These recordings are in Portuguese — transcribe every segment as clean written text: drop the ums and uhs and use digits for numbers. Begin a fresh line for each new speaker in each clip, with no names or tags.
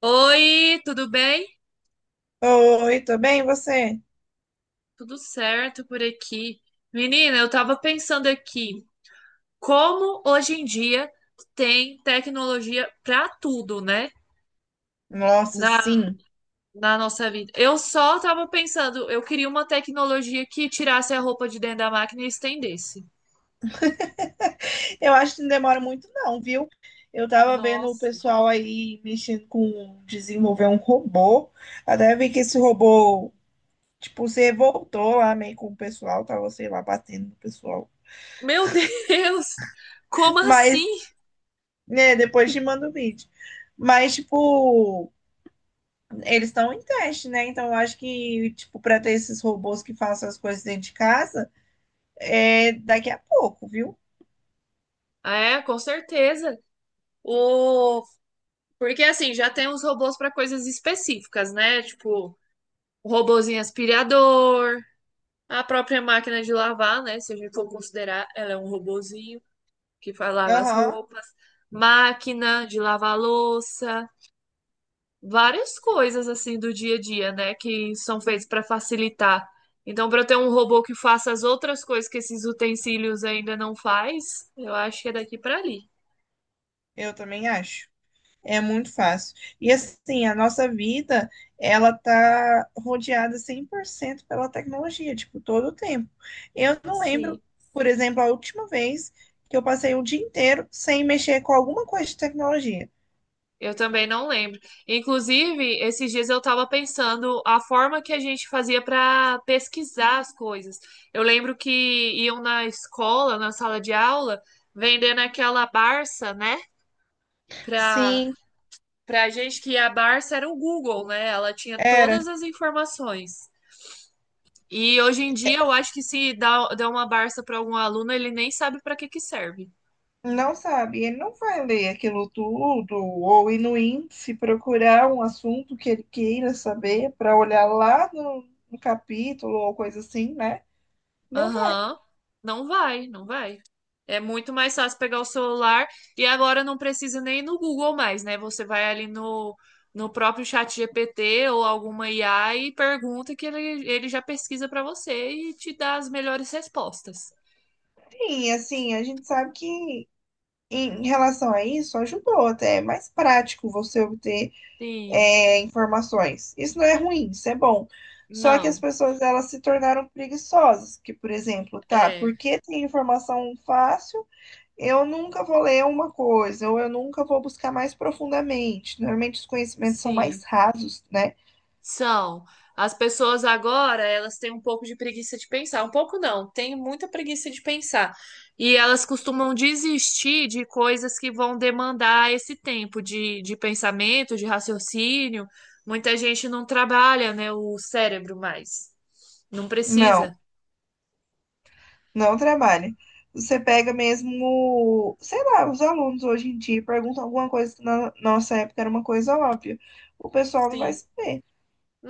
Oi, tudo bem?
Oi, tudo bem? E você?
Tudo certo por aqui. Menina, eu tava pensando aqui, como hoje em dia tem tecnologia pra tudo, né?
Nossa,
Na,
sim.
na nossa vida. Eu só tava pensando, eu queria uma tecnologia que tirasse a roupa de dentro da máquina e estendesse.
Eu acho que não demora muito não, viu? Eu tava vendo o
Nossa.
pessoal aí mexendo com desenvolver um robô. Até vi que esse robô, tipo, se revoltou lá meio com o pessoal, tava, sei lá, batendo no pessoal.
Meu Deus! Como
Mas,
assim?
né, depois te mando o vídeo. Mas, tipo, eles estão em teste, né? Então, eu acho que, tipo, pra ter esses robôs que façam as coisas dentro de casa, é daqui a pouco, viu?
É, com certeza. O... Porque assim, já tem os robôs para coisas específicas, né? Tipo, o robozinho aspirador. A própria máquina de lavar, né? Se a gente for considerar, ela é um robozinho que faz lavar as
Aham,
roupas, máquina de lavar louça, várias coisas assim do dia a dia, né? Que são feitas para facilitar. Então, para eu ter um robô que faça as outras coisas que esses utensílios ainda não faz, eu acho que é daqui para ali.
eu também acho. É muito fácil. E assim, a nossa vida, ela tá rodeada 100% pela tecnologia, tipo, todo o tempo. Eu não lembro,
Sim.
por exemplo, a última vez que eu passei o dia inteiro sem mexer com alguma coisa de tecnologia.
Eu também não lembro. Inclusive, esses dias eu estava pensando a forma que a gente fazia para pesquisar as coisas. Eu lembro que iam na escola, na sala de aula, vendendo aquela Barça, né? Para
Sim,
para gente que a Barça era o Google, né? Ela tinha
era.
todas as informações. E hoje em dia eu acho que se dá uma Barça para algum aluno, ele nem sabe para que que serve.
Não sabe, ele não vai ler aquilo tudo, ou ir no índice procurar um assunto que ele queira saber para olhar lá no capítulo ou coisa assim, né? Não vai.
Aham. Não vai, não vai. É muito mais fácil pegar o celular e agora não precisa nem ir no Google mais, né? Você vai ali no próprio chat GPT ou alguma IA e pergunta que ele já pesquisa para você e te dá as melhores respostas.
Sim, assim, a gente sabe que. Em relação a isso, ajudou até. É mais prático você obter
Sim,
informações. Isso não é ruim, isso é bom. Só que as
não,
pessoas elas se tornaram preguiçosas. Que, por exemplo, tá,
é,
porque tem informação fácil, eu nunca vou ler uma coisa, ou eu nunca vou buscar mais profundamente. Normalmente os conhecimentos são mais
sim.
rasos, né?
São. As pessoas agora, elas têm um pouco de preguiça de pensar. Um pouco não, têm muita preguiça de pensar. E elas costumam desistir de coisas que vão demandar esse tempo de pensamento, de raciocínio. Muita gente não trabalha, né, o cérebro mais. Não precisa.
Não. Não trabalha. Você pega mesmo, sei lá, os alunos hoje em dia perguntam alguma coisa que na nossa época era uma coisa óbvia. O pessoal não vai
Sim.
saber,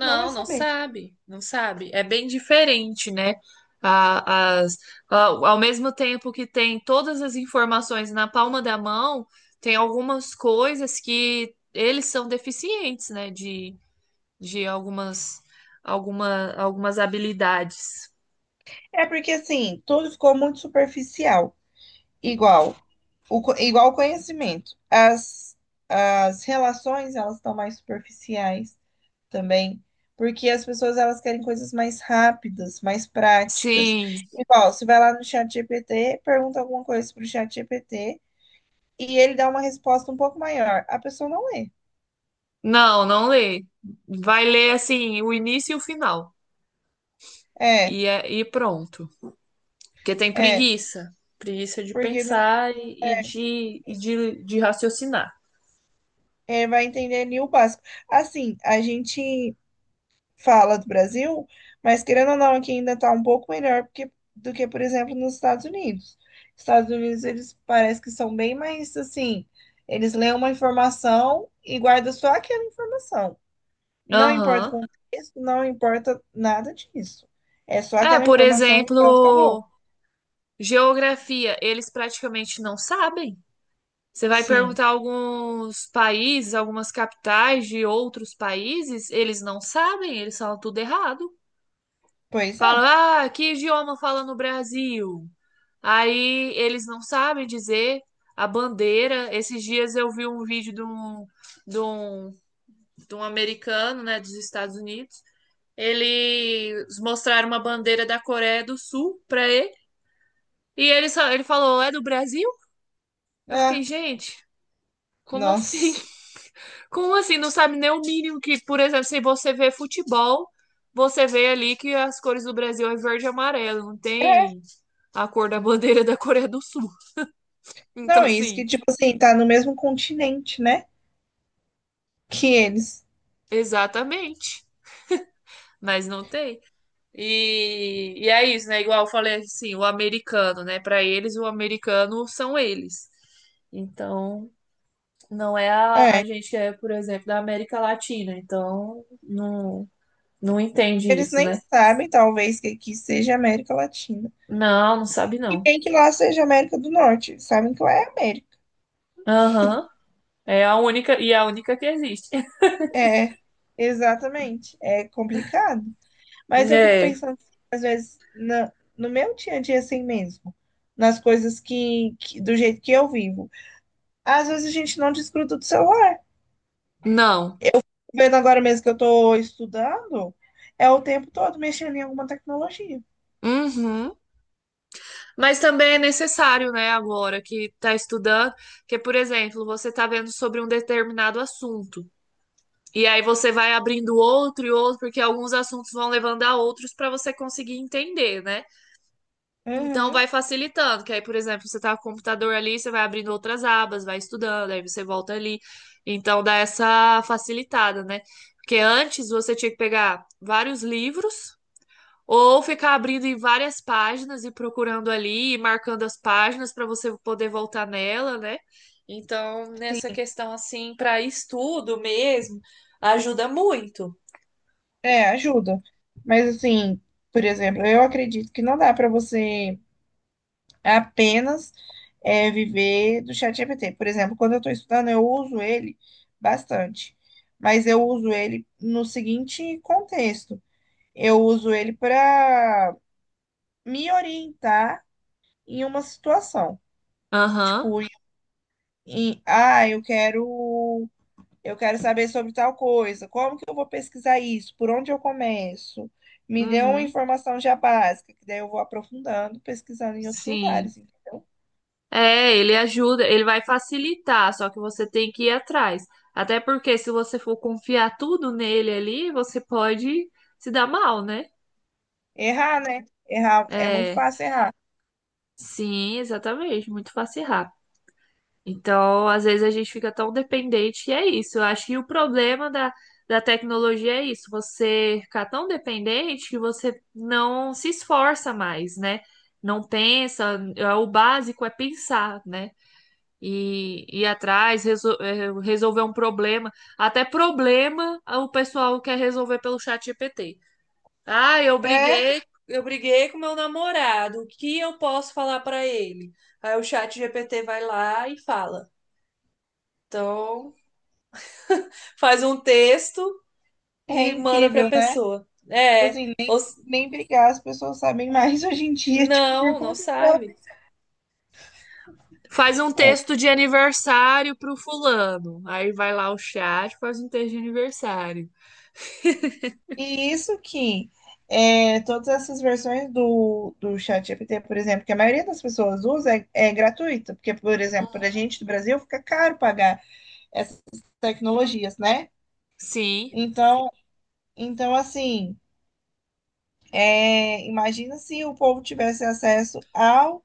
não vai
não
saber.
sabe, não sabe. É bem diferente, né? As, ao ao mesmo tempo que tem todas as informações na palma da mão, tem algumas coisas que eles são deficientes, né? De algumas habilidades.
É porque assim, tudo ficou muito superficial, igual igual o conhecimento. As relações, elas estão mais superficiais também, porque as pessoas elas querem coisas mais rápidas, mais práticas.
Sim,
Igual, você vai lá no chat GPT, pergunta alguma coisa pro chat GPT e ele dá uma resposta um pouco maior. A pessoa não lê.
não, não lê. Vai ler assim, o início e o final.
É,
E, e pronto. Porque tem
é
preguiça. Preguiça de
porque não,
pensar e, e
é,
de, e de de raciocinar.
vai entender ali o básico. Assim, a gente fala do Brasil, mas querendo ou não, aqui ainda está um pouco melhor porque- do que, por exemplo, nos Estados Unidos. Estados Unidos, eles parece que são bem mais assim, eles leem uma informação e guardam só aquela informação. Não importa o
Aham.
contexto, não importa nada disso. É só
É,
aquela
por
informação e pronto, acabou.
exemplo, geografia, eles praticamente não sabem. Você vai
Sim,
perguntar alguns países, algumas capitais de outros países, eles não sabem, eles falam tudo errado.
pois é.
Falam, ah, que idioma fala no Brasil? Aí eles não sabem dizer a bandeira. Esses dias eu vi um vídeo de um, de um americano, né, dos Estados Unidos. Eles mostraram uma bandeira da Coreia do Sul para ele. E ele só, ele falou, é do Brasil? Eu fiquei,
É.
gente, como assim?
Nossa.
Como assim? Não sabe nem o mínimo que, por exemplo, se você vê futebol, você vê ali que as cores do Brasil é verde e amarelo, não
É,
tem a cor da bandeira da Coreia do Sul. Então,
não, isso que,
assim,
tipo assim, tá no mesmo continente, né? Que eles.
exatamente. Mas não tem. E é isso, né? Igual eu falei assim, o americano, né? Para eles, o americano são eles. Então, não é a
É,
gente que é, por exemplo, da América Latina, então não, não entende
eles
isso,
nem
né?
sabem, talvez, que aqui seja América Latina.
Não, não sabe
E
não.
nem que lá seja América do Norte. Eles sabem que lá é América.
Aham. É a única, e é a única que existe.
É, exatamente. É complicado. Mas eu fico
É,
pensando, às vezes, na, no meu dia a dia assim mesmo. Nas coisas do jeito que eu vivo. Às vezes a gente não desgruda do celular.
não.
Vendo agora mesmo que eu estou estudando, é o tempo todo mexendo em alguma tecnologia.
Uhum. Mas também é necessário, né, agora que tá estudando, que, por exemplo, você tá vendo sobre um determinado assunto. E aí você vai abrindo outro e outro, porque alguns assuntos vão levando a outros para você conseguir entender, né? Então
Uhum,
vai facilitando, que aí, por exemplo, você tá com o computador ali, você vai abrindo outras abas, vai estudando, aí você volta ali. Então dá essa facilitada, né? Porque antes você tinha que pegar vários livros ou ficar abrindo em várias páginas e procurando ali e marcando as páginas para você poder voltar nela, né? Então, nessa
sim.
questão assim, para estudo mesmo, ajuda muito.
É, ajuda. Mas assim, por exemplo, eu acredito que não dá para você apenas viver do chat GPT. Por exemplo, quando eu estou estudando, eu uso ele bastante. Mas eu uso ele no seguinte contexto. Eu uso ele para me orientar em uma situação.
Aham.
Tipo, em, ah, eu quero Eu quero saber sobre tal coisa. Como que eu vou pesquisar isso? Por onde eu começo? Me dê uma
Uhum.
informação já básica, que daí eu vou aprofundando, pesquisando em outros
Sim.
lugares, entendeu?
É, ele ajuda, ele vai facilitar, só que você tem que ir atrás. Até porque se você for confiar tudo nele ali, você pode se dar mal, né?
Errar, né? Errar é muito
É,
fácil errar.
sim, exatamente, muito fácil errar. Então, às vezes a gente fica tão dependente e é isso. Eu acho que o problema da tecnologia é isso, você ficar tão dependente que você não se esforça mais, né? Não pensa, é, o básico é pensar, né? E ir atrás, resolver um problema. Até problema o pessoal quer resolver pelo chat GPT. Ah, eu
É,
briguei, eu briguei com meu namorado. O que eu posso falar para ele? Aí o chat GPT vai lá e fala. Então, faz um texto
é
e manda para a
incrível, né?
pessoa.
Tipo
É,
assim,
ou
nem,
s-
nem brigar, as pessoas sabem mais hoje em dia, tipo, por
não, não
conta própria.
sabe. Faz um
É.
texto de aniversário pro fulano. Aí vai lá o chat, faz um texto de aniversário.
E isso que é, todas essas versões do ChatGPT, por exemplo, que a maioria das pessoas usa, é gratuita, porque, por exemplo, para a gente do Brasil fica caro pagar essas tecnologias, né?
Sim,
Então, então assim, é, imagina se o povo tivesse acesso ao,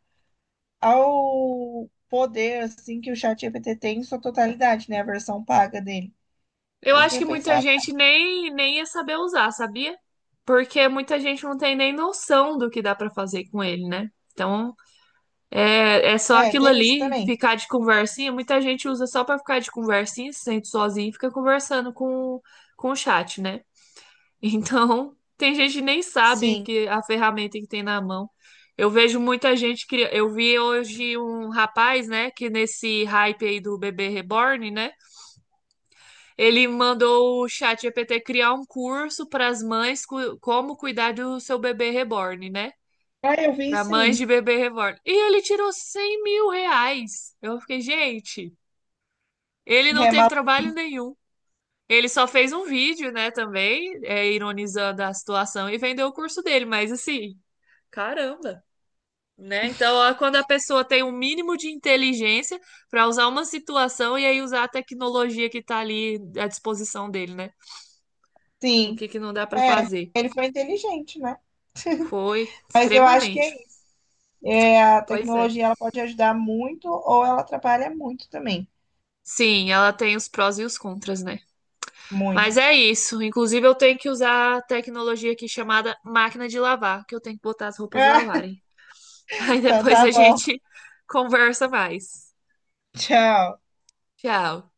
ao poder assim que o ChatGPT tem em sua totalidade, né? A versão paga dele.
eu
Eles não
acho que
iam
muita
pensar.
gente nem ia saber usar, sabia? Porque muita gente não tem nem noção do que dá pra fazer com ele, né? Então, é só
É,
aquilo
tem isso
ali,
também.
ficar de conversinha. Muita gente usa só pra ficar de conversinha, se sente sozinho e fica conversando com o chat, né? Então, tem gente que nem sabe
Sim.
que a ferramenta que tem na mão. Eu vejo muita gente que eu vi hoje um rapaz, né, que nesse hype aí do bebê reborn, né? Ele mandou o ChatGPT criar um curso para as mães como cuidar do seu bebê reborn, né?
Ah, eu vi
Para mães
sim.
de bebê reborn. E ele tirou R$ 100.000. Eu fiquei, gente, ele não
É,
teve trabalho nenhum. Ele só fez um vídeo, né, também, é, ironizando a situação e vendeu o curso dele, mas assim, caramba, né? Então, ó, quando a pessoa tem um mínimo de inteligência para usar uma situação e aí usar a tecnologia que tá ali à disposição dele, né? O
sim.
que que não dá para
É,
fazer?
ele foi inteligente, né?
Foi,
Mas eu acho que
extremamente.
é, isso. É, a
Pois é.
tecnologia ela pode ajudar muito ou ela atrapalha muito também.
Sim, ela tem os prós e os contras, né?
Muito.
Mas é isso. Inclusive, eu tenho que usar a tecnologia aqui chamada máquina de lavar, que eu tenho que botar as roupas
Ah,
lavarem. Aí
então
depois
tá
a
bom.
gente conversa mais.
Tchau.
Tchau.